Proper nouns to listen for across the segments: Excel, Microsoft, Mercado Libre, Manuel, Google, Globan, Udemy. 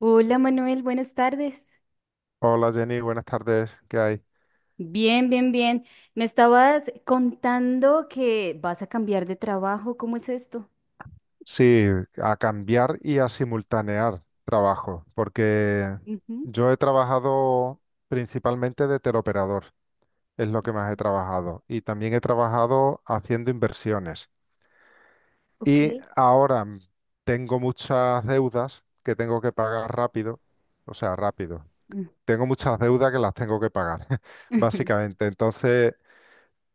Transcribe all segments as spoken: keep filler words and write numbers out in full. Hola Manuel, buenas tardes. Hola Jenny, buenas tardes. ¿Qué hay? Bien, bien, bien. Me estabas contando que vas a cambiar de trabajo. ¿Cómo es esto? Sí, a cambiar y a simultanear trabajo, porque Ujú. yo he trabajado principalmente de teleoperador, es lo que más he trabajado, y también he trabajado haciendo inversiones. Ok. Y ahora mm, tengo muchas deudas que tengo que pagar rápido, o sea, rápido. Mm. Tengo muchas deudas que las tengo que pagar, básicamente. Entonces,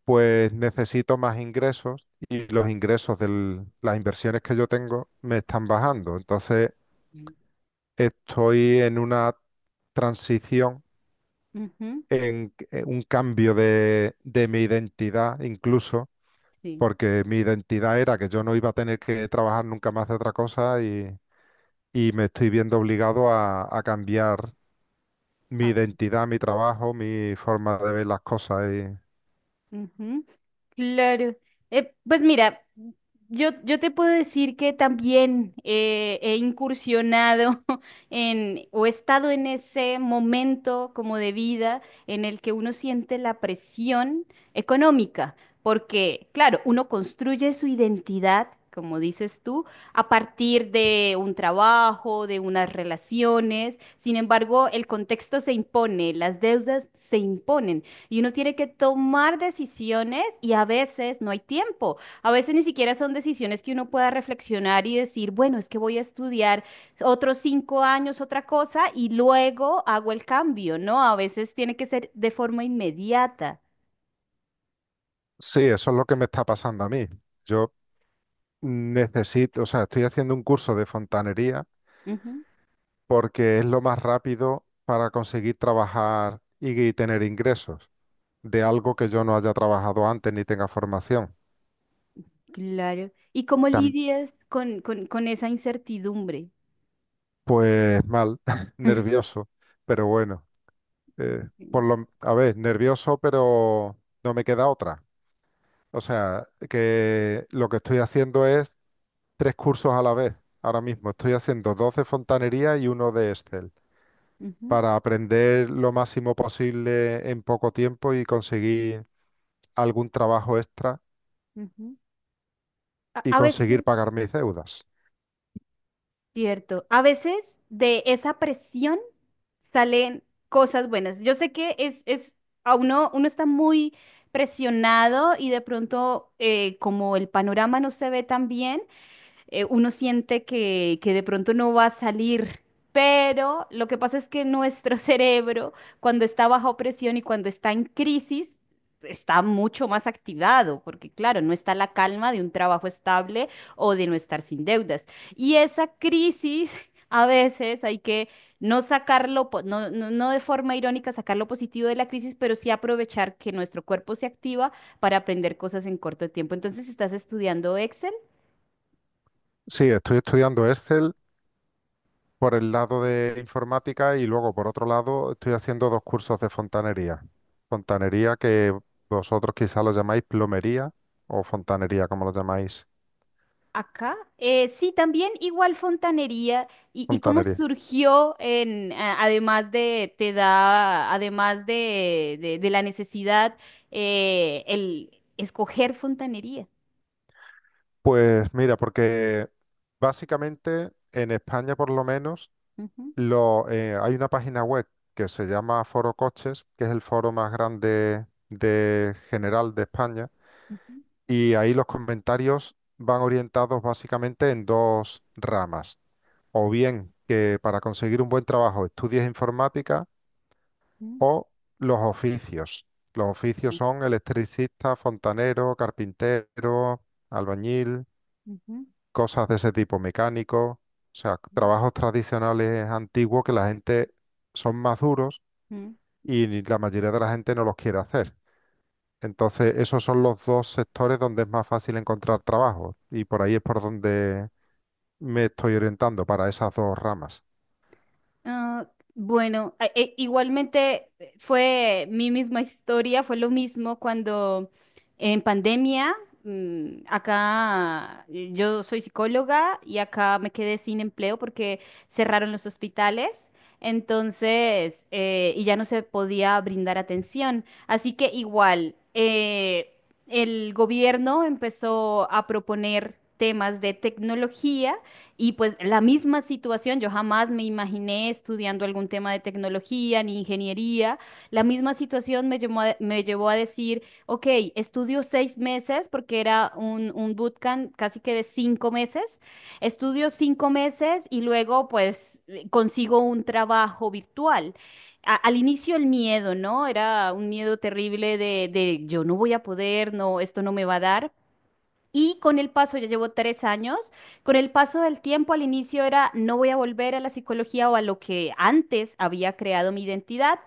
pues necesito más ingresos y los ingresos de las inversiones que yo tengo me están bajando. Entonces, estoy en una transición, Ujú, en eh, un cambio de, de mi identidad incluso, sí. porque mi identidad era que yo no iba a tener que trabajar nunca más de otra cosa y, y me estoy viendo obligado a, a cambiar mi Ah. identidad, mi trabajo, mi forma de ver las cosas. Y Claro. Eh, pues mira, yo, yo te puedo decir que también eh, he incursionado en, o he estado en ese momento como de vida en el que uno siente la presión económica, porque claro, uno construye su identidad, como dices tú, a partir de un trabajo, de unas relaciones. Sin embargo, el contexto se impone, las deudas se imponen. Y uno tiene que tomar decisiones y a veces no hay tiempo. A veces ni siquiera son decisiones que uno pueda reflexionar y decir, bueno, es que voy a estudiar otros cinco años otra cosa y luego hago el cambio, ¿no? A veces tiene que ser de forma inmediata. sí, eso es lo que me está pasando a mí. Yo Necesito, o sea, estoy haciendo un curso de fontanería Ujú, porque es lo más rápido para conseguir trabajar y tener ingresos de algo que yo no haya trabajado antes ni tenga formación. claro. ¿Y cómo Tam- lidias con, con, con esa incertidumbre? pues mal, nervioso, pero bueno, eh, por lo, a ver, nervioso, pero no me queda otra. O sea, que lo que estoy haciendo es tres cursos a la vez. Ahora mismo estoy haciendo dos de fontanería y uno de Excel. Ujú, Para aprender lo máximo posible en poco tiempo y conseguir algún trabajo extra ujú. A, y a conseguir veces. pagar mis deudas. Cierto. A veces de esa presión salen cosas buenas. Yo sé que es, es, a uno, uno está muy presionado y de pronto eh, como el panorama no se ve tan bien, eh, uno siente que, que de pronto no va a salir. Pero lo que pasa es que nuestro cerebro, cuando está bajo presión y cuando está en crisis, está mucho más activado, porque claro, no está la calma de un trabajo estable o de no estar sin deudas. Y esa crisis, a veces hay que no sacarlo, po- no, no, no de forma irónica sacar lo positivo de la crisis, pero sí aprovechar que nuestro cuerpo se activa para aprender cosas en corto tiempo. Entonces, ¿estás estudiando Excel? Sí, estoy estudiando Excel por el lado de informática y luego por otro lado estoy haciendo dos cursos de fontanería. Fontanería que vosotros quizá lo llamáis plomería o fontanería, como lo llamáis, Acá, eh, sí, también igual fontanería y, y cómo fontanería. surgió en, a- además de, te da, además de, de, de la necesidad, eh, el escoger fontanería. Pues mira, porque básicamente en España por lo menos Ujú, Lo, eh, hay una página web que se llama Foro Coches, que es el foro más grande de general de España, ujú, y ahí los comentarios van orientados básicamente en dos ramas. O bien que para conseguir un buen trabajo estudies informática ujú, o los oficios. Los oficios son electricista, fontanero, carpintero, albañil, ujú, cosas de ese tipo, mecánico, o sea, ujú, trabajos tradicionales antiguos que la gente son más duros ujú. y la mayoría de la gente no los quiere hacer. Entonces, esos son los dos sectores donde es más fácil encontrar trabajo y por ahí es por donde me estoy orientando para esas dos ramas. Ah, bueno, a- e- igualmente eh, fue mi misma historia, fue lo mismo cuando en pandemia, mm, acá eh, yo soy psicóloga y acá me quedé sin empleo porque cerraron los hospitales, entonces, eh, y ya no se podía brindar atención. Así que igual, eh, el gobierno empezó a proponer temas de tecnología y pues la misma situación, yo jamás me imaginé estudiando algún tema de tecnología ni ingeniería. La misma situación me llevó a, me llevó a decir, ok, estudio seis meses porque era un, un bootcamp casi que de cinco meses. Estudio cinco meses y luego pues consigo un trabajo virtual a- al inicio el miedo, ¿no? Era un miedo terrible de, de yo no voy a poder, no, esto no me va a dar. Y con el paso, ya llevo tres años, con el paso del tiempo al inicio era, no voy a volver a la psicología o a lo que antes había creado mi identidad,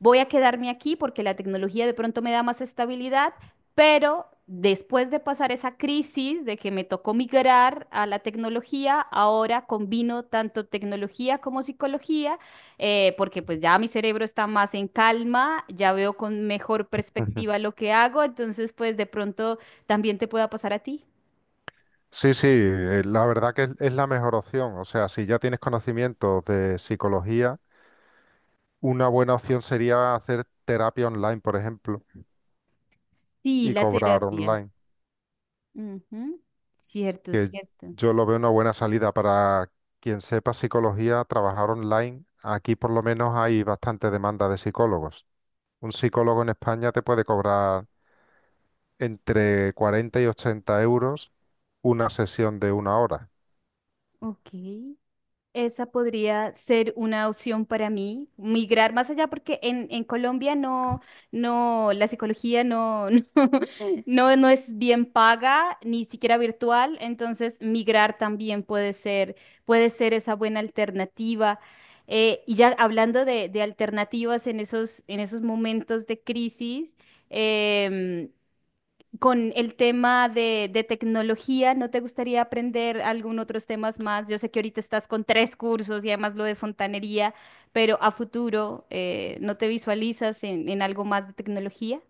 voy a quedarme aquí porque la tecnología de pronto me da más estabilidad, pero después de pasar esa crisis de que me tocó migrar a la tecnología, ahora combino tanto tecnología como psicología, eh, porque pues ya mi cerebro está más en calma, ya veo con mejor Ujú. perspectiva lo que hago, entonces pues de pronto también te pueda pasar a ti. Sí, sí, eh, la verdad que es, es la mejor opción. O sea, si ya tienes conocimientos de psicología, una buena opción sería hacer terapia online, por ejemplo, Sí, y la cobrar terapia. online, Ujú. Cierto, que cierto. yo lo veo una buena salida para quien sepa psicología, trabajar online. Aquí por lo menos hay bastante demanda de psicólogos. Un psicólogo en España te puede cobrar entre cuarenta y ochenta euros una sesión de una hora. Ok. Esa podría ser una opción para mí, migrar más allá, porque en, en Colombia no, no, la psicología no, no, no, no es bien paga, ni siquiera virtual, entonces migrar también puede ser, puede ser esa buena alternativa. Eh, y ya hablando de, de alternativas en esos, en esos momentos de crisis, em, con el tema de, de tecnología, ¿no te gustaría aprender algún otros temas más? Yo sé que ahorita estás con tres cursos y además lo de fontanería, pero a futuro, eh, ¿no te visualizas en, en algo más de tecnología?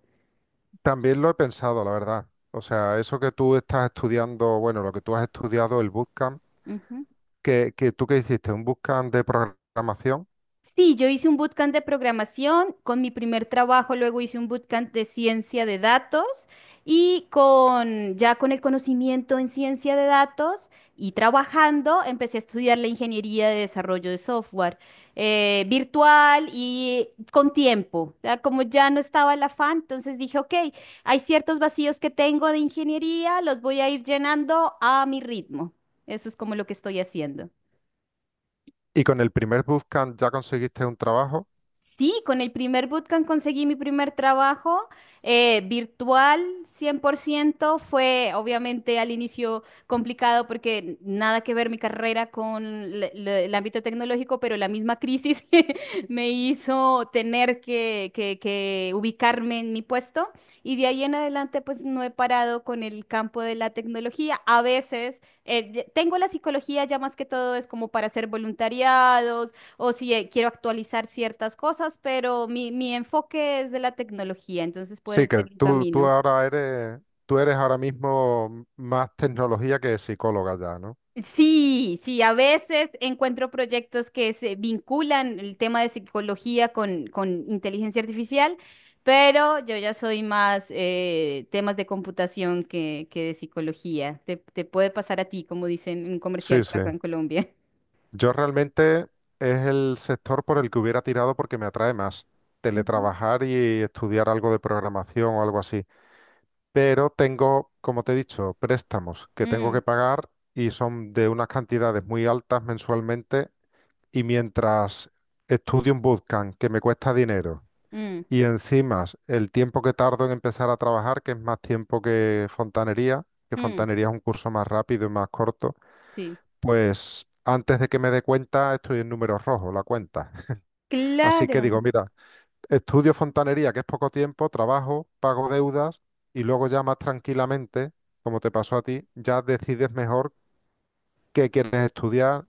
También lo he pensado, la verdad. O sea, eso que tú estás estudiando, bueno, lo que tú has estudiado, el bootcamp, que, que tú que hiciste un bootcamp de programación Sí, yo hice un bootcamp de programación con mi primer trabajo, luego hice un bootcamp de ciencia de datos y con ya con el conocimiento en ciencia de datos y trabajando, empecé a estudiar la ingeniería de desarrollo de software eh, virtual y con tiempo. O sea, como ya no estaba el afán, entonces dije, ok, hay ciertos vacíos que tengo de ingeniería, los voy a ir llenando a mi ritmo. Eso es como lo que estoy haciendo. y con el primer bootcamp ya conseguiste un trabajo. Sí, con el primer bootcamp conseguí mi primer trabajo eh, virtual cien por ciento. Fue obviamente al inicio complicado porque nada que ver mi carrera con l- l- el ámbito tecnológico, pero la misma crisis me hizo tener que, que- que ubicarme en mi puesto. Y de ahí en adelante pues no he parado con el campo de la tecnología. A veces eh, ya- tengo la psicología ya más que todo es como para hacer voluntariados o si eh, quiero actualizar ciertas cosas, pero mi, mi enfoque es de la tecnología, entonces puede Sí, que ser un tú, tú camino. ahora eres, tú eres ahora mismo más tecnología que psicóloga ya, ¿no? Sí, sí, a veces encuentro proyectos que se vinculan el tema de psicología con, con inteligencia artificial, pero yo ya soy más eh, temas de computación que, que de psicología. Te, te puede pasar a ti, como dicen en un Sí, comercial por sí. acá en Colombia. Yo realmente es el sector por el que hubiera tirado porque me atrae más Ujú. teletrabajar y estudiar algo de programación o algo así. Pero tengo, como te he dicho, préstamos que tengo Mm, que pagar y son de unas cantidades muy altas mensualmente. Y mientras estudio un bootcamp que me cuesta dinero mm, y encima el tiempo que tardo en empezar a trabajar, que es más tiempo que fontanería, que mm, fontanería es un curso más rápido y más corto sí. pues antes de que me dé cuenta, estoy en números rojos, la cuenta. Así que digo, Claro. mira, estudio fontanería, que es poco tiempo, trabajo, pago deudas y luego ya más tranquilamente, como te pasó a ti, ya decides mejor qué quieres estudiar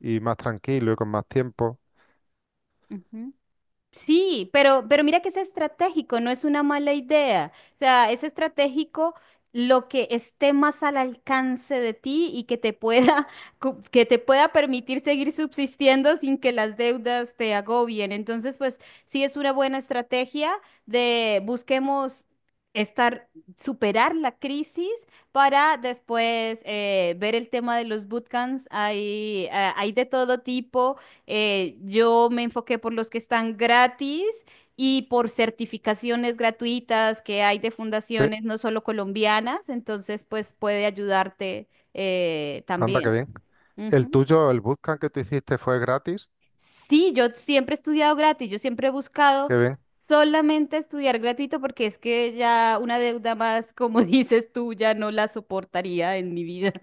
y más tranquilo y con más tiempo. Ujú. Sí, pero, pero mira que es estratégico, no es una mala idea. O sea, es estratégico lo que esté más al alcance de ti y que te pueda, cu- que te pueda permitir seguir subsistiendo sin que las deudas te agobien. Entonces, pues sí es una buena estrategia de busquemos estar, superar la crisis para después eh, ver el tema de los bootcamps. Hay, ah, hay de todo tipo, eh, yo me enfoqué por los que están gratis y por certificaciones gratuitas que hay de Sí, fundaciones no solo colombianas, entonces pues puede ayudarte eh, anda, qué también. bien. El Ujú. tuyo, el bootcamp que tú hiciste fue gratis, Sí, yo siempre he estudiado gratis, yo siempre he buscado qué bien. solamente estudiar gratuito porque es que ya una deuda más, como dices tú, ya no la soportaría en mi vida.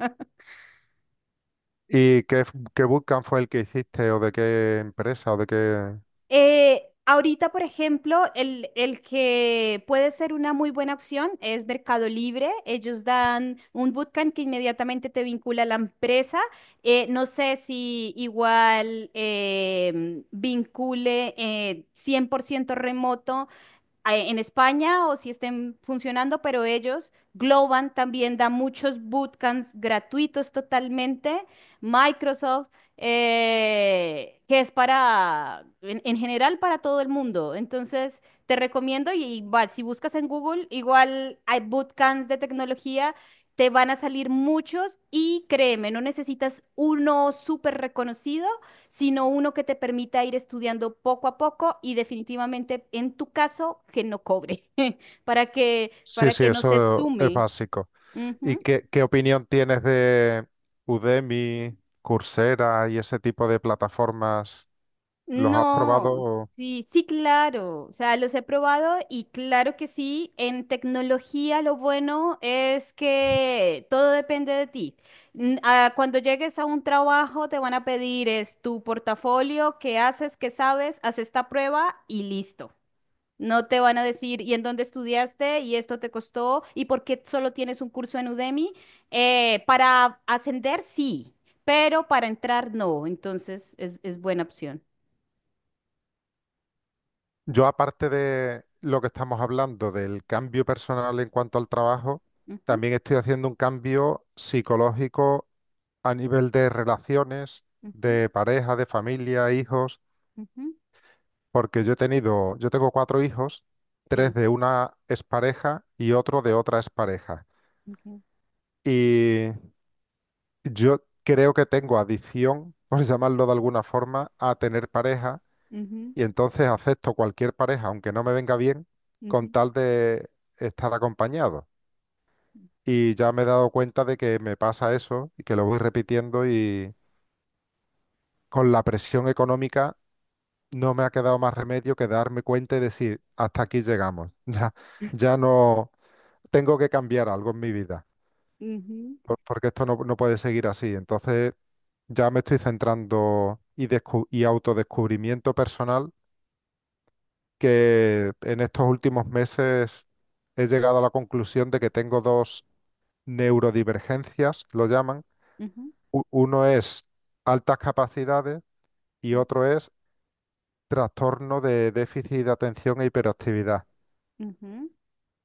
¿Y qué, f- qué bootcamp fue el que hiciste o de qué empresa o de qué... Eh, ahorita, por ejemplo, el, el que puede ser una muy buena opción es Mercado Libre. Ellos dan un bootcamp que inmediatamente te vincula a la empresa. Eh, no sé si igual em, vincule eh, cien por ciento remoto a- en España o si estén funcionando, pero ellos, Globan también da muchos bootcamps gratuitos totalmente. Microsoft, eh, que es para, en, en general, para todo el mundo. Entonces, te recomiendo y, y va, si buscas en Google, igual hay bootcamps de tecnología. Te van a salir muchos y créeme, no necesitas uno súper reconocido, sino uno que te permita ir estudiando poco a poco y definitivamente en tu caso que no cobre, para que, Sí, para sí, que no se eso es sume. básico. ¿Y Ujú. qué, qué opinión tienes de Udemy, Coursera y ese tipo de plataformas? ¿Los has No, probado? sí, sí, claro. O sea, los he probado y claro que sí, en tecnología lo bueno es que todo depende de ti. N- ah, Cuando llegues a un trabajo te van a pedir es tu portafolio, qué haces, qué sabes, haz esta prueba y listo. No te van a decir, ¿y en dónde estudiaste? ¿Y esto te costó? ¿Y por qué solo tienes un curso en Udemy? Eh, para ascender, sí, pero para entrar, no. Entonces, es, es buena opción. Yo, aparte de lo que estamos hablando del cambio personal en cuanto al trabajo, Ujú, también estoy haciendo un cambio psicológico a nivel de relaciones, ujú, de pareja, de familia, hijos, ujú, porque yo he tenido, yo tengo cuatro hijos, tres sí. de una expareja y otro de otra expareja. Ok, ujú, Y Yo creo que tengo adicción, por llamarlo de alguna forma, a tener pareja y entonces acepto cualquier pareja, aunque no me venga bien, con ujú, tal de estar acompañado. Y ya me he dado cuenta de que me pasa eso y que lo voy repitiendo y con la presión económica no me ha quedado más remedio que darme cuenta y decir, hasta aquí llegamos. Ya, ya no tengo que cambiar algo en mi vida, ujú, por- porque esto no, no puede seguir así. Entonces ya me estoy centrando y, descu- y autodescubrimiento personal, que en estos últimos meses he llegado a la conclusión de que tengo dos neurodivergencias, lo llaman. ujú, U- uno es altas capacidades y u- otro es trastorno de déficit de atención e hiperactividad. ujú.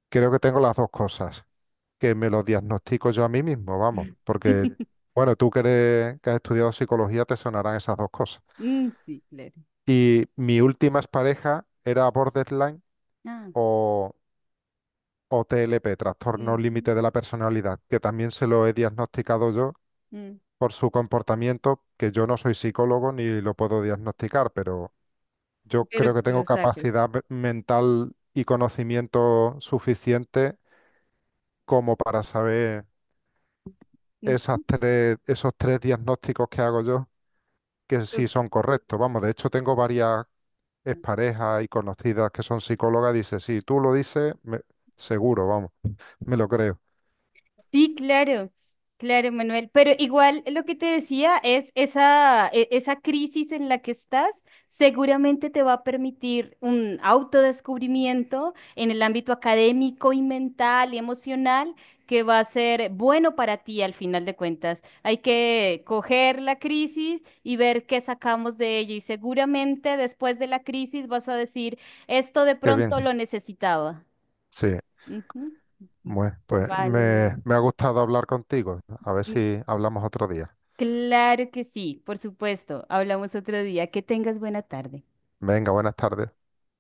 Creo que tengo las dos cosas, que me lo diagnostico yo a mí mismo, vamos, porque, Qué- bueno, tú que eres- que has estudiado psicología, te sonarán esas dos cosas. Mm, sí, claro. Y mi última pareja era borderline Ah, o, o T L P, trastorno ujú, límite de la personalidad, que también se lo he diagnosticado yo mm. por su comportamiento, que yo no soy psicólogo ni lo puedo diagnosticar, pero yo creo Pero que que tengo lo sacas. capacidad ve- mental y conocimiento suficiente como para saber esas Ujú, tres, esos tres diagnósticos que hago yo, que sí ok. son correctos. Vamos, de hecho tengo varias es pareja y conocidas que son psicólogas, dice, sí. Tú lo dices, me- seguro, vamos, me, lo creo. Sí, claro, claro, Manuel. Pero igual lo que te decía es esa, e- esa crisis en la que estás seguramente te va a permitir un autodescubrimiento en el ámbito académico y mental y emocional que va a ser bueno para ti al final de cuentas. Hay que coger la crisis y ver qué sacamos de ello. Y seguramente después de la crisis vas a decir, esto de Qué pronto bien. lo necesitaba. Sí, Ujú. bueno, pues Vale, me, Manuel. me ha gustado hablar contigo. A ver si hablamos otro día. Claro que sí, por supuesto. Hablamos otro día. Que tengas buena tarde. Venga, buenas tardes.